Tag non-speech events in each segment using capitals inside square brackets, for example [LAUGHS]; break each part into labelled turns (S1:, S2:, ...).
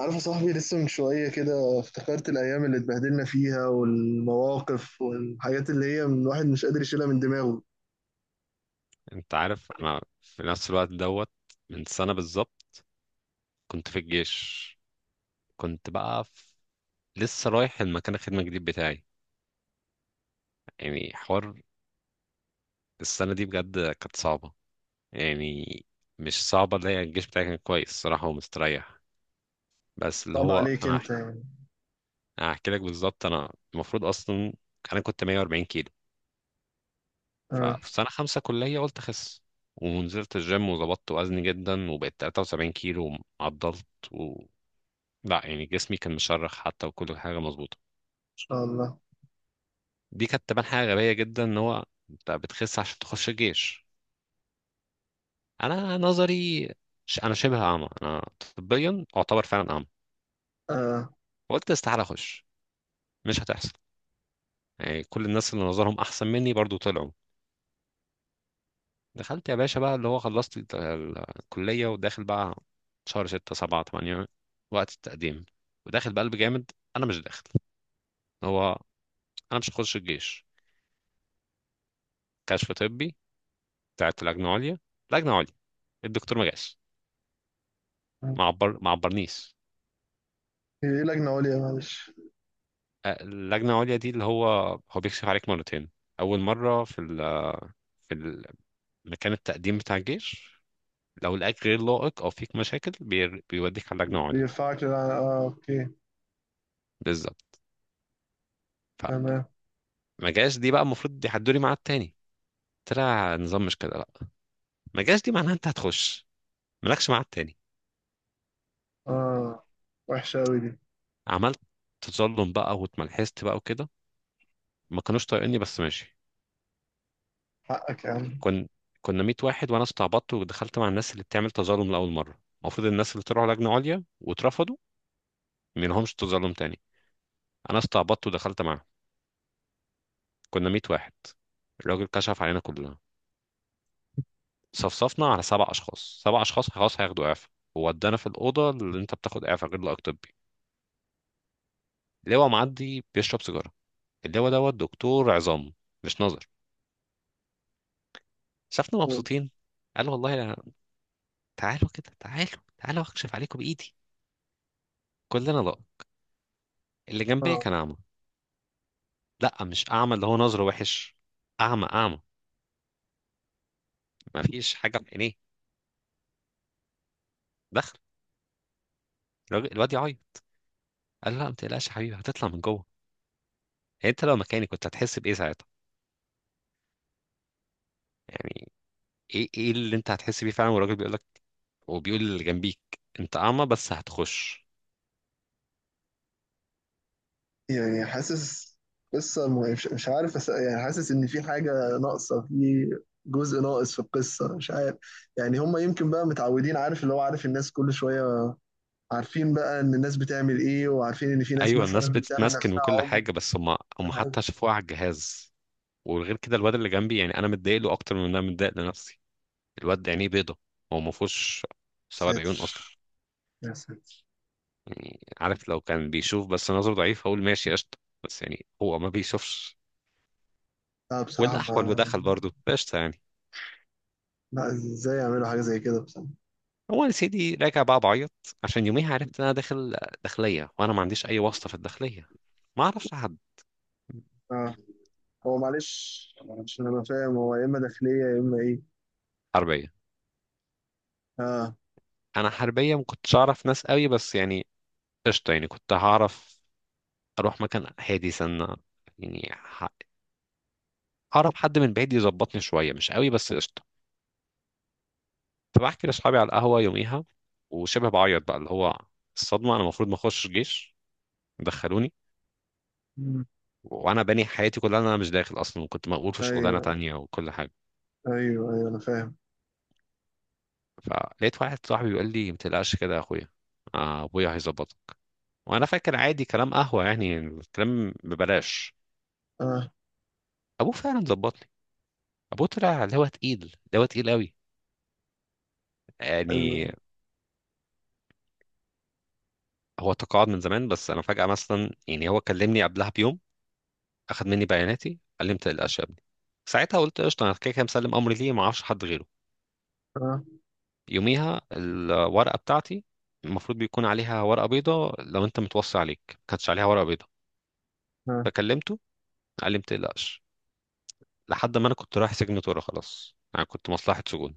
S1: عارف يا صاحبي؟ لسه من شوية كده افتكرت الأيام اللي اتبهدلنا فيها والمواقف والحاجات اللي هي من الواحد مش قادر يشيلها من دماغه.
S2: انت عارف، انا في نفس الوقت دوت من سنة بالظبط كنت في الجيش. كنت بقى في... لسه رايح المكان الخدمة الجديد بتاعي، يعني حوار. السنة دي بجد كانت صعبة، يعني مش صعبة، اللي هي الجيش بتاعي كان كويس صراحة ومستريح. بس اللي
S1: صعب
S2: هو
S1: عليك
S2: انا
S1: أنت
S2: هحكي
S1: يعني؟
S2: انا هحكي لك بالظبط. انا المفروض اصلا انا كنت 140 كيلو،
S1: آه، إن
S2: ففي سنة خمسة كلية قلت اخس، ونزلت الجيم وظبطت وزني جدا وبقيت 73 كيلو وعضلت. لا يعني جسمي كان مشرخ حتى وكل حاجه مظبوطه.
S1: شاء الله.
S2: دي كانت تبان حاجه غبيه جدا ان هو انت بتخس عشان تخش الجيش. انا نظري، انا شبه اعمى، انا طبيا اعتبر فعلا اعمى.
S1: آه.
S2: قلت استحاله اخش، مش هتحصل، يعني كل الناس اللي نظرهم احسن مني برضو طلعوا. دخلت يا باشا بقى اللي هو خلصت الكليه وداخل بقى، شهر 6 7 8 وقت التقديم، وداخل بقلب جامد انا مش داخل. هو انا مش هخش الجيش. كشف طبي بتاعت لجنه عليا، لجنه عليا. الدكتور ما جاش، ما عبرنيش.
S1: إيه لجنة عليا؟ معلش.
S2: آه، اللجنه العليا دي اللي هو هو بيكشف عليك مرتين. اول مره في في ال- مكان التقديم بتاع الجيش. لو لقاك غير لائق او فيك مشاكل بيوديك على اللجنه العليا.
S1: بيرفعك للع-، آه، أوكي.
S2: بالظبط.
S1: تمام.
S2: فما جاش دي، بقى المفروض يحدوا لي ميعاد تاني، طلع نظام مش كده لا، ما جاش دي معناها انت هتخش، مالكش ميعاد تاني.
S1: آه. وحشة أوي دي.
S2: عملت تظلم بقى، واتملحست بقى وكده. ما كانوش طايقيني بس ماشي.
S1: حقك يا عم.
S2: كن كنا 100 واحد، وانا استعبطت ودخلت مع الناس اللي بتعمل تظلم لاول مره، المفروض الناس اللي طلعوا لجنه عليا واترفضوا ما لهمش تظلم تاني. انا استعبطت ودخلت معاهم. كنا 100 واحد. الراجل كشف علينا كلنا، صفصفنا على سبع اشخاص، سبع اشخاص خلاص هياخدوا اعفاء، وودانا في الاوضه اللي انت بتاخد اعفاء غير لائق طبي. اللواء معدي بيشرب سيجاره. اللواء دوت دكتور عظام، مش نظر. شافنا مبسوطين، قال: والله تعالوا كده، تعالوا تعالوا اكشف عليكم بايدي. كلنا لا. اللي جنبي
S1: آه.
S2: كان اعمى. لا مش اعمى اللي هو نظره وحش، اعمى اعمى، ما فيش حاجه في عينيه. دخل الواد يعيط. قال له: لا ما تقلقش يا حبيبي هتطلع من جوه. يعني انت لو مكاني كنت هتحس بايه ساعتها؟ يعني ايه ايه اللي انت هتحس بيه فعلا والراجل بيقول لك، وبيقول اللي جنبيك انت اعمى بس هتخش.
S1: يعني حاسس، قصة مش مش عارف أس...، يعني حاسس إن في حاجة ناقصة في، جزء ناقص في القصة مش عارف. يعني هما يمكن بقى متعودين، عارف اللي هو، عارف الناس كل شوية، عارفين بقى إن الناس بتعمل إيه، وعارفين إن في ناس
S2: ايوه الناس
S1: مثلا بتعمل
S2: بتتمسكن
S1: نفسها
S2: وكل
S1: عمر
S2: حاجه، بس هم
S1: حاجة.
S2: حتى شافوها على الجهاز. وغير كده الواد اللي جنبي، يعني انا متضايق له اكتر من إن انا متضايق لنفسي. الواد ده عينيه بيضه، هو ما فيهوش سواد عيون
S1: ساتر،
S2: اصلا.
S1: يا ساتر.
S2: يعني عارف لو كان بيشوف بس نظره ضعيف هقول ماشي قشطة. بس يعني هو ما بيشوفش.
S1: لا بصراحة
S2: والأحول
S1: ما.
S2: ودخل برضه قشطة يعني.
S1: لا إزاي يعملوا حاجة زي كده بصراحة؟
S2: هو يا سيدي راجع بقى بعيط، عشان يوميها عرفت إن أنا داخل داخلية، وأنا ما عنديش أي واسطة في الداخلية، ما أعرفش حد.
S1: آه. هو معلش، عشان أنا فاهم هو يا إما داخلية يا إما إيه.
S2: حربية،
S1: آه.
S2: أنا حربية ما كنتش أعرف ناس قوي، بس يعني قشطة يعني كنت هعرف. أروح مكان هادي سنة يعني، ه- أعرف حد من بعيد يظبطني شوية مش قوي بس قشطة. فبحكي لأصحابي على القهوة يوميها، وشبه بعيط بقى اللي هو الصدمة أنا المفروض ما أخشش جيش، دخلوني.
S1: مم.
S2: وانا باني حياتي كلها إن انا مش داخل اصلا، وكنت مقبول في شغلانه
S1: أيوه.
S2: تانية وكل حاجه.
S1: أيوه، أيوه أنا فاهم.
S2: فلقيت واحد صاحبي بيقول لي: ما تقلقش كده يا اخويا، آه، ابويا هيظبطك. وانا فاكر عادي كلام قهوه يعني، الكلام ببلاش.
S1: آه.
S2: ابوه فعلا ظبط لي. ابوه طلع اللي هو تقيل، اللي هو تقيل قوي يعني.
S1: أيوه.
S2: هو تقاعد من زمان بس انا فجاه مثلا يعني، هو كلمني قبلها بيوم، اخد مني بياناتي قال لي: ما تقلقش يا ابني. ساعتها قلت قشطه، انا كده كده مسلم امري، ليه ما اعرفش حد غيره.
S1: اه.
S2: يوميها الورقة بتاعتي، المفروض بيكون عليها ورقة بيضة لو انت متوصي عليك، ما كانتش عليها ورقة بيضة.
S1: اه.
S2: فكلمته، قال لي: ما تقلقش. لحد ما انا كنت رايح سجن طورة، خلاص انا كنت مصلحة سجون،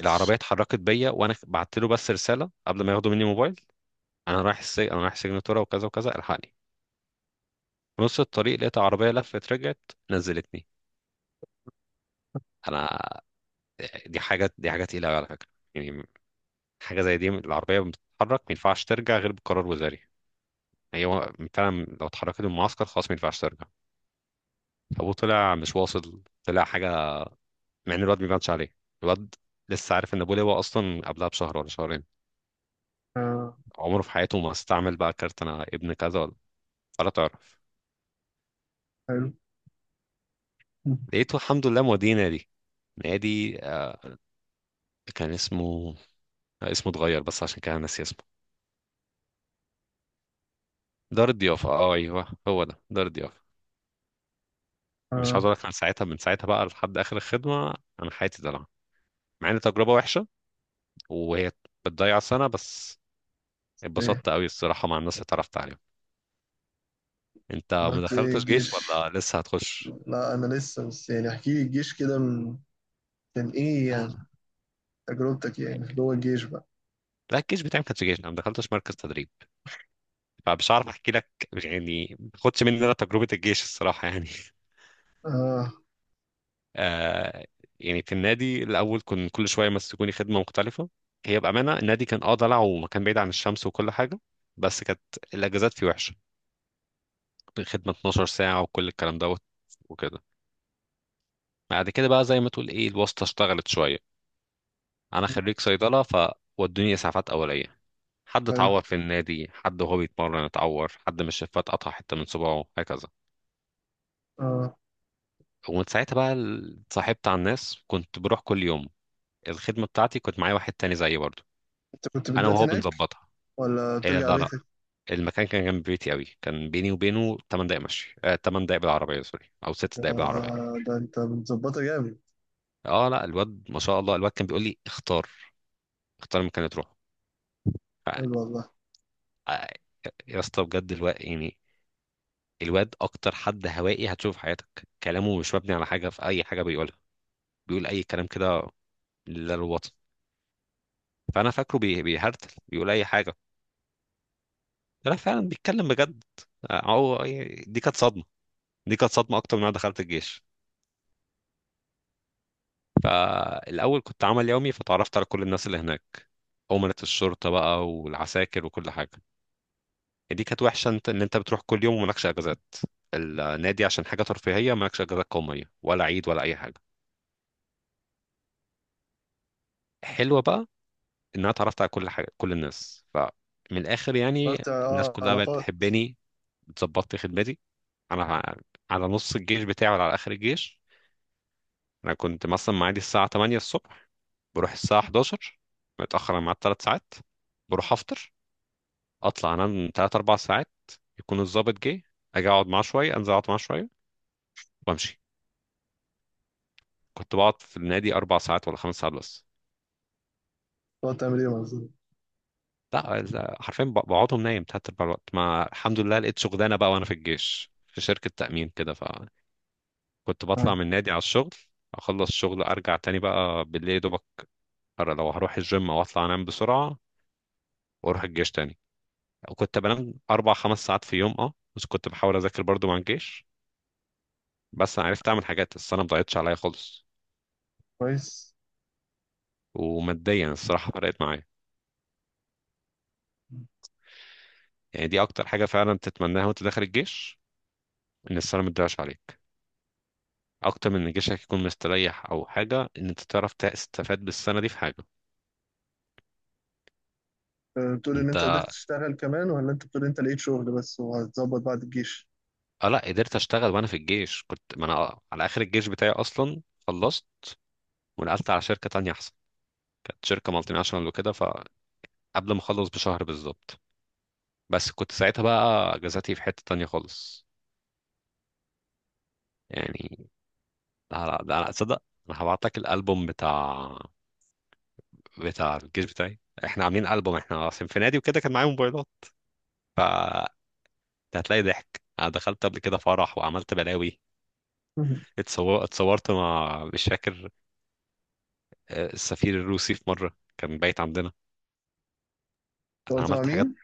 S2: العربية اتحركت بيا وانا بعت له بس رسالة قبل ما ياخدوا مني موبايل: انا رايح السجن، انا رايح سجن طورة وكذا وكذا، الحقني. في نص الطريق لقيت عربية لفت، رجعت، نزلتني انا. دي حاجة، دي حاجة تقيلة أوي على فكرة، يعني حاجة زي دي العربية بتتحرك ما ينفعش ترجع غير بقرار وزاري. هي هو فعلا لو اتحركت من المعسكر خلاص ما ينفعش ترجع. ابوه طلع مش واصل، طلع حاجه. مع ان الواد ما بانش عليه، الواد لسه عارف ان ابوه لواء اصلا قبلها بشهر ولا شهرين،
S1: اه.
S2: عمره في حياته ما استعمل بقى كارت انا ابن كذا ولا ولا تعرف.
S1: حلو.
S2: لقيته الحمد لله موديه نادي. نادي. كان اسمه اسمه اتغير بس عشان كده أنا ناسي اسمه. دار الضيافه، اه ايوه هو ده، دار الضيافه. مش
S1: اه.
S2: عاوز اقول لك، انا ساعتها من ساعتها بقى لحد اخر الخدمه انا حياتي دلع، مع ان تجربه وحشه وهي بتضيع سنه، بس
S1: ايه
S2: اتبسطت قوي الصراحة مع الناس اللي اتعرفت عليهم. انت ما
S1: عملت ايه
S2: دخلتش جيش
S1: الجيش؟
S2: ولا لسه هتخش؟
S1: لا انا لسه، بس يعني احكي لي الجيش كده من، كان ايه
S2: لا
S1: يعني تجربتك
S2: لا
S1: يعني في جوه الجيش بقى؟
S2: لا، الجيش بتاعي ما كانش جيش، انا ما دخلتش مركز تدريب، فمش عارف احكي لك. يعني ما خدش مني انا تجربة الجيش الصراحة يعني [LAUGHS]
S1: اه.
S2: آه. يعني في النادي الاول كنت كل شوية يمسكوني خدمة مختلفة. هي بأمانة النادي كان ضلع ومكان بعيد عن الشمس وكل حاجة. بس كانت الاجازات فيه وحشة، خدمة 12 ساعة وكل الكلام دوت وكده. بعد كده بقى زي ما تقول ايه، الواسطة اشتغلت شوية. انا خريج صيدلة، ف ودوني اسعافات اوليه. حد
S1: حلو.
S2: اتعور في النادي، حد وهو بيتمرن اتعور، حد من الشفات قطع حتة من صباعه هكذا.
S1: اه،
S2: ومن ساعتها بقى اتصاحبت على الناس، كنت بروح كل يوم. الخدمة بتاعتي كنت معايا واحد تاني زيي برضو،
S1: انت كنت
S2: انا
S1: بتبات
S2: وهو
S1: هناك
S2: بنظبطها.
S1: ولا
S2: إيه
S1: بترجع
S2: لا لا،
S1: بيتك؟
S2: المكان كان جنب بيتي قوي، كان بيني وبينه 8 دقايق مشي، آه 8 دقايق بالعربية، سوري او 6
S1: ده،
S2: دقايق بالعربية.
S1: ده انت متظبطه جامد.
S2: اه لا الواد ما شاء الله، الواد كان بيقول لي: اختار، اختار المكان اللي تروحه.
S1: حلو
S2: ف-
S1: والله.
S2: آه، يا اسطى بجد الواد يعني، الواد اكتر حد هوائي هتشوفه في حياتك، كلامه مش مبني على حاجة، في اي حاجة بيقولها بيقول اي كلام كده للوطن. فانا فاكره بيهرتل بيقول اي حاجه، لا فعلا بيتكلم بجد. آه، هو دي كانت صدمه، دي كانت صدمه اكتر من انا دخلت الجيش. فالاول كنت عمل يومي، فتعرفت على كل الناس اللي هناك، أمنة الشرطة بقى والعساكر وكل حاجة. دي كانت وحشة، انت ان انت بتروح كل يوم ومالكش اجازات، النادي عشان حاجة ترفيهية مالكش اجازات قومية ولا عيد ولا اي حاجة. حلوة بقى ان انا اتعرفت على كل حاجة كل الناس فمن الاخر يعني،
S1: عملت
S2: الناس
S1: اه
S2: كلها بقت
S1: علاقات؟
S2: تحبني. ظبطت خدمتي انا ع- على نص الجيش بتاعي ولا على اخر الجيش. انا كنت مثلا معادي الساعه 8 الصبح، بروح الساعه 11، متاخر عن ميعاد 3 ساعات، بروح افطر، اطلع انام 3 4 ساعات، يكون الضابط جه، اجي اقعد معاه شويه، انزل اقعد معاه شويه، وامشي. كنت بقعد في النادي اربع ساعات ولا خمس ساعات بس.
S1: تقعد تعمل ايه مع الزملاء؟
S2: لا لا، حرفيا بقعدهم نايم تلات ارباع الوقت. ما الحمد لله لقيت شغلانه بقى وانا في الجيش في شركه تامين كده، فكنت بطلع
S1: اه،
S2: من النادي على الشغل، اخلص الشغل ارجع تاني بقى بالليل دوبك لو هروح الجيم، واطلع انام بسرعه واروح الجيش تاني. كنت بنام اربع خمس ساعات في يوم بس كنت بحاول اذاكر برضو مع الجيش. بس انا عرفت اعمل حاجات، السنه ما ضاعتش عليا خالص.
S1: كويس.
S2: وماديا الصراحه فرقت معايا، يعني دي اكتر حاجه فعلا تتمناها وانت داخل الجيش، ان السنه ما تضيعش عليك اكتر من ان جيشك يكون مستريح او حاجه، ان انت تعرف تستفاد بالسنه دي في حاجه.
S1: آه، بتقول ان
S2: انت
S1: انت قدرت تشتغل كمان، ولا انت بتقول انت لقيت شغل بس وهتظبط بعد الجيش؟
S2: اه لا قدرت اشتغل وانا في الجيش. كنت ما انا على اخر الجيش بتاعي اصلا خلصت، ونقلت على شركه تانية احسن، كانت شركه مالتي ناشونال وكده. ف قبل ما اخلص بشهر بالظبط، بس كنت ساعتها بقى اجازاتي في حتة تانية خالص يعني. لا لا لا لا، تصدق، انا هبعت لك الالبوم بتاع الجيش بتاعي، احنا عاملين البوم، احنا اصلا في نادي وكده كان معايا موبايلات، ف هتلاقي ضحك، انا دخلت قبل كده فرح وعملت بلاوي.
S1: [LAUGHS]
S2: اتصورت مع، مش فاكر، آه، السفير الروسي في مرة كان بايت عندنا. انا
S1: دورت مع
S2: عملت حاجات.
S1: مين؟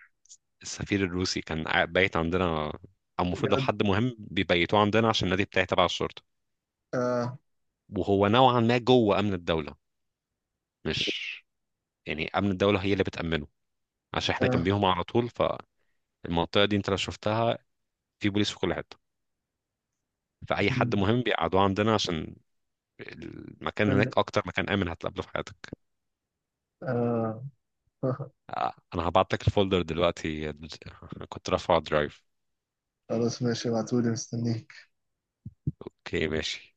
S2: السفير الروسي كان بايت عندنا، او المفروض لو حد مهم بيبيتوه عندنا عشان النادي بتاعي تبع الشرطة،
S1: اه.
S2: وهو نوعا ما جوه امن الدوله، مش يعني امن الدوله هي اللي بتامنه، عشان احنا
S1: اه.
S2: جنبيهم على طول. فالمنطقه دي انت لو شفتها، في بوليس في كل حته. فاي حد
S1: مم.
S2: مهم بيقعدوه عندنا عشان المكان هناك اكتر مكان امن هتقابله في حياتك.
S1: آه. [LAUGHS]
S2: انا هبعت لك الفولدر دلوقتي [LAUGHS] أنا كنت رافعه درايف.
S1: خلاص ماشي، ابعتولي مستنيك.
S2: اوكي ماشي.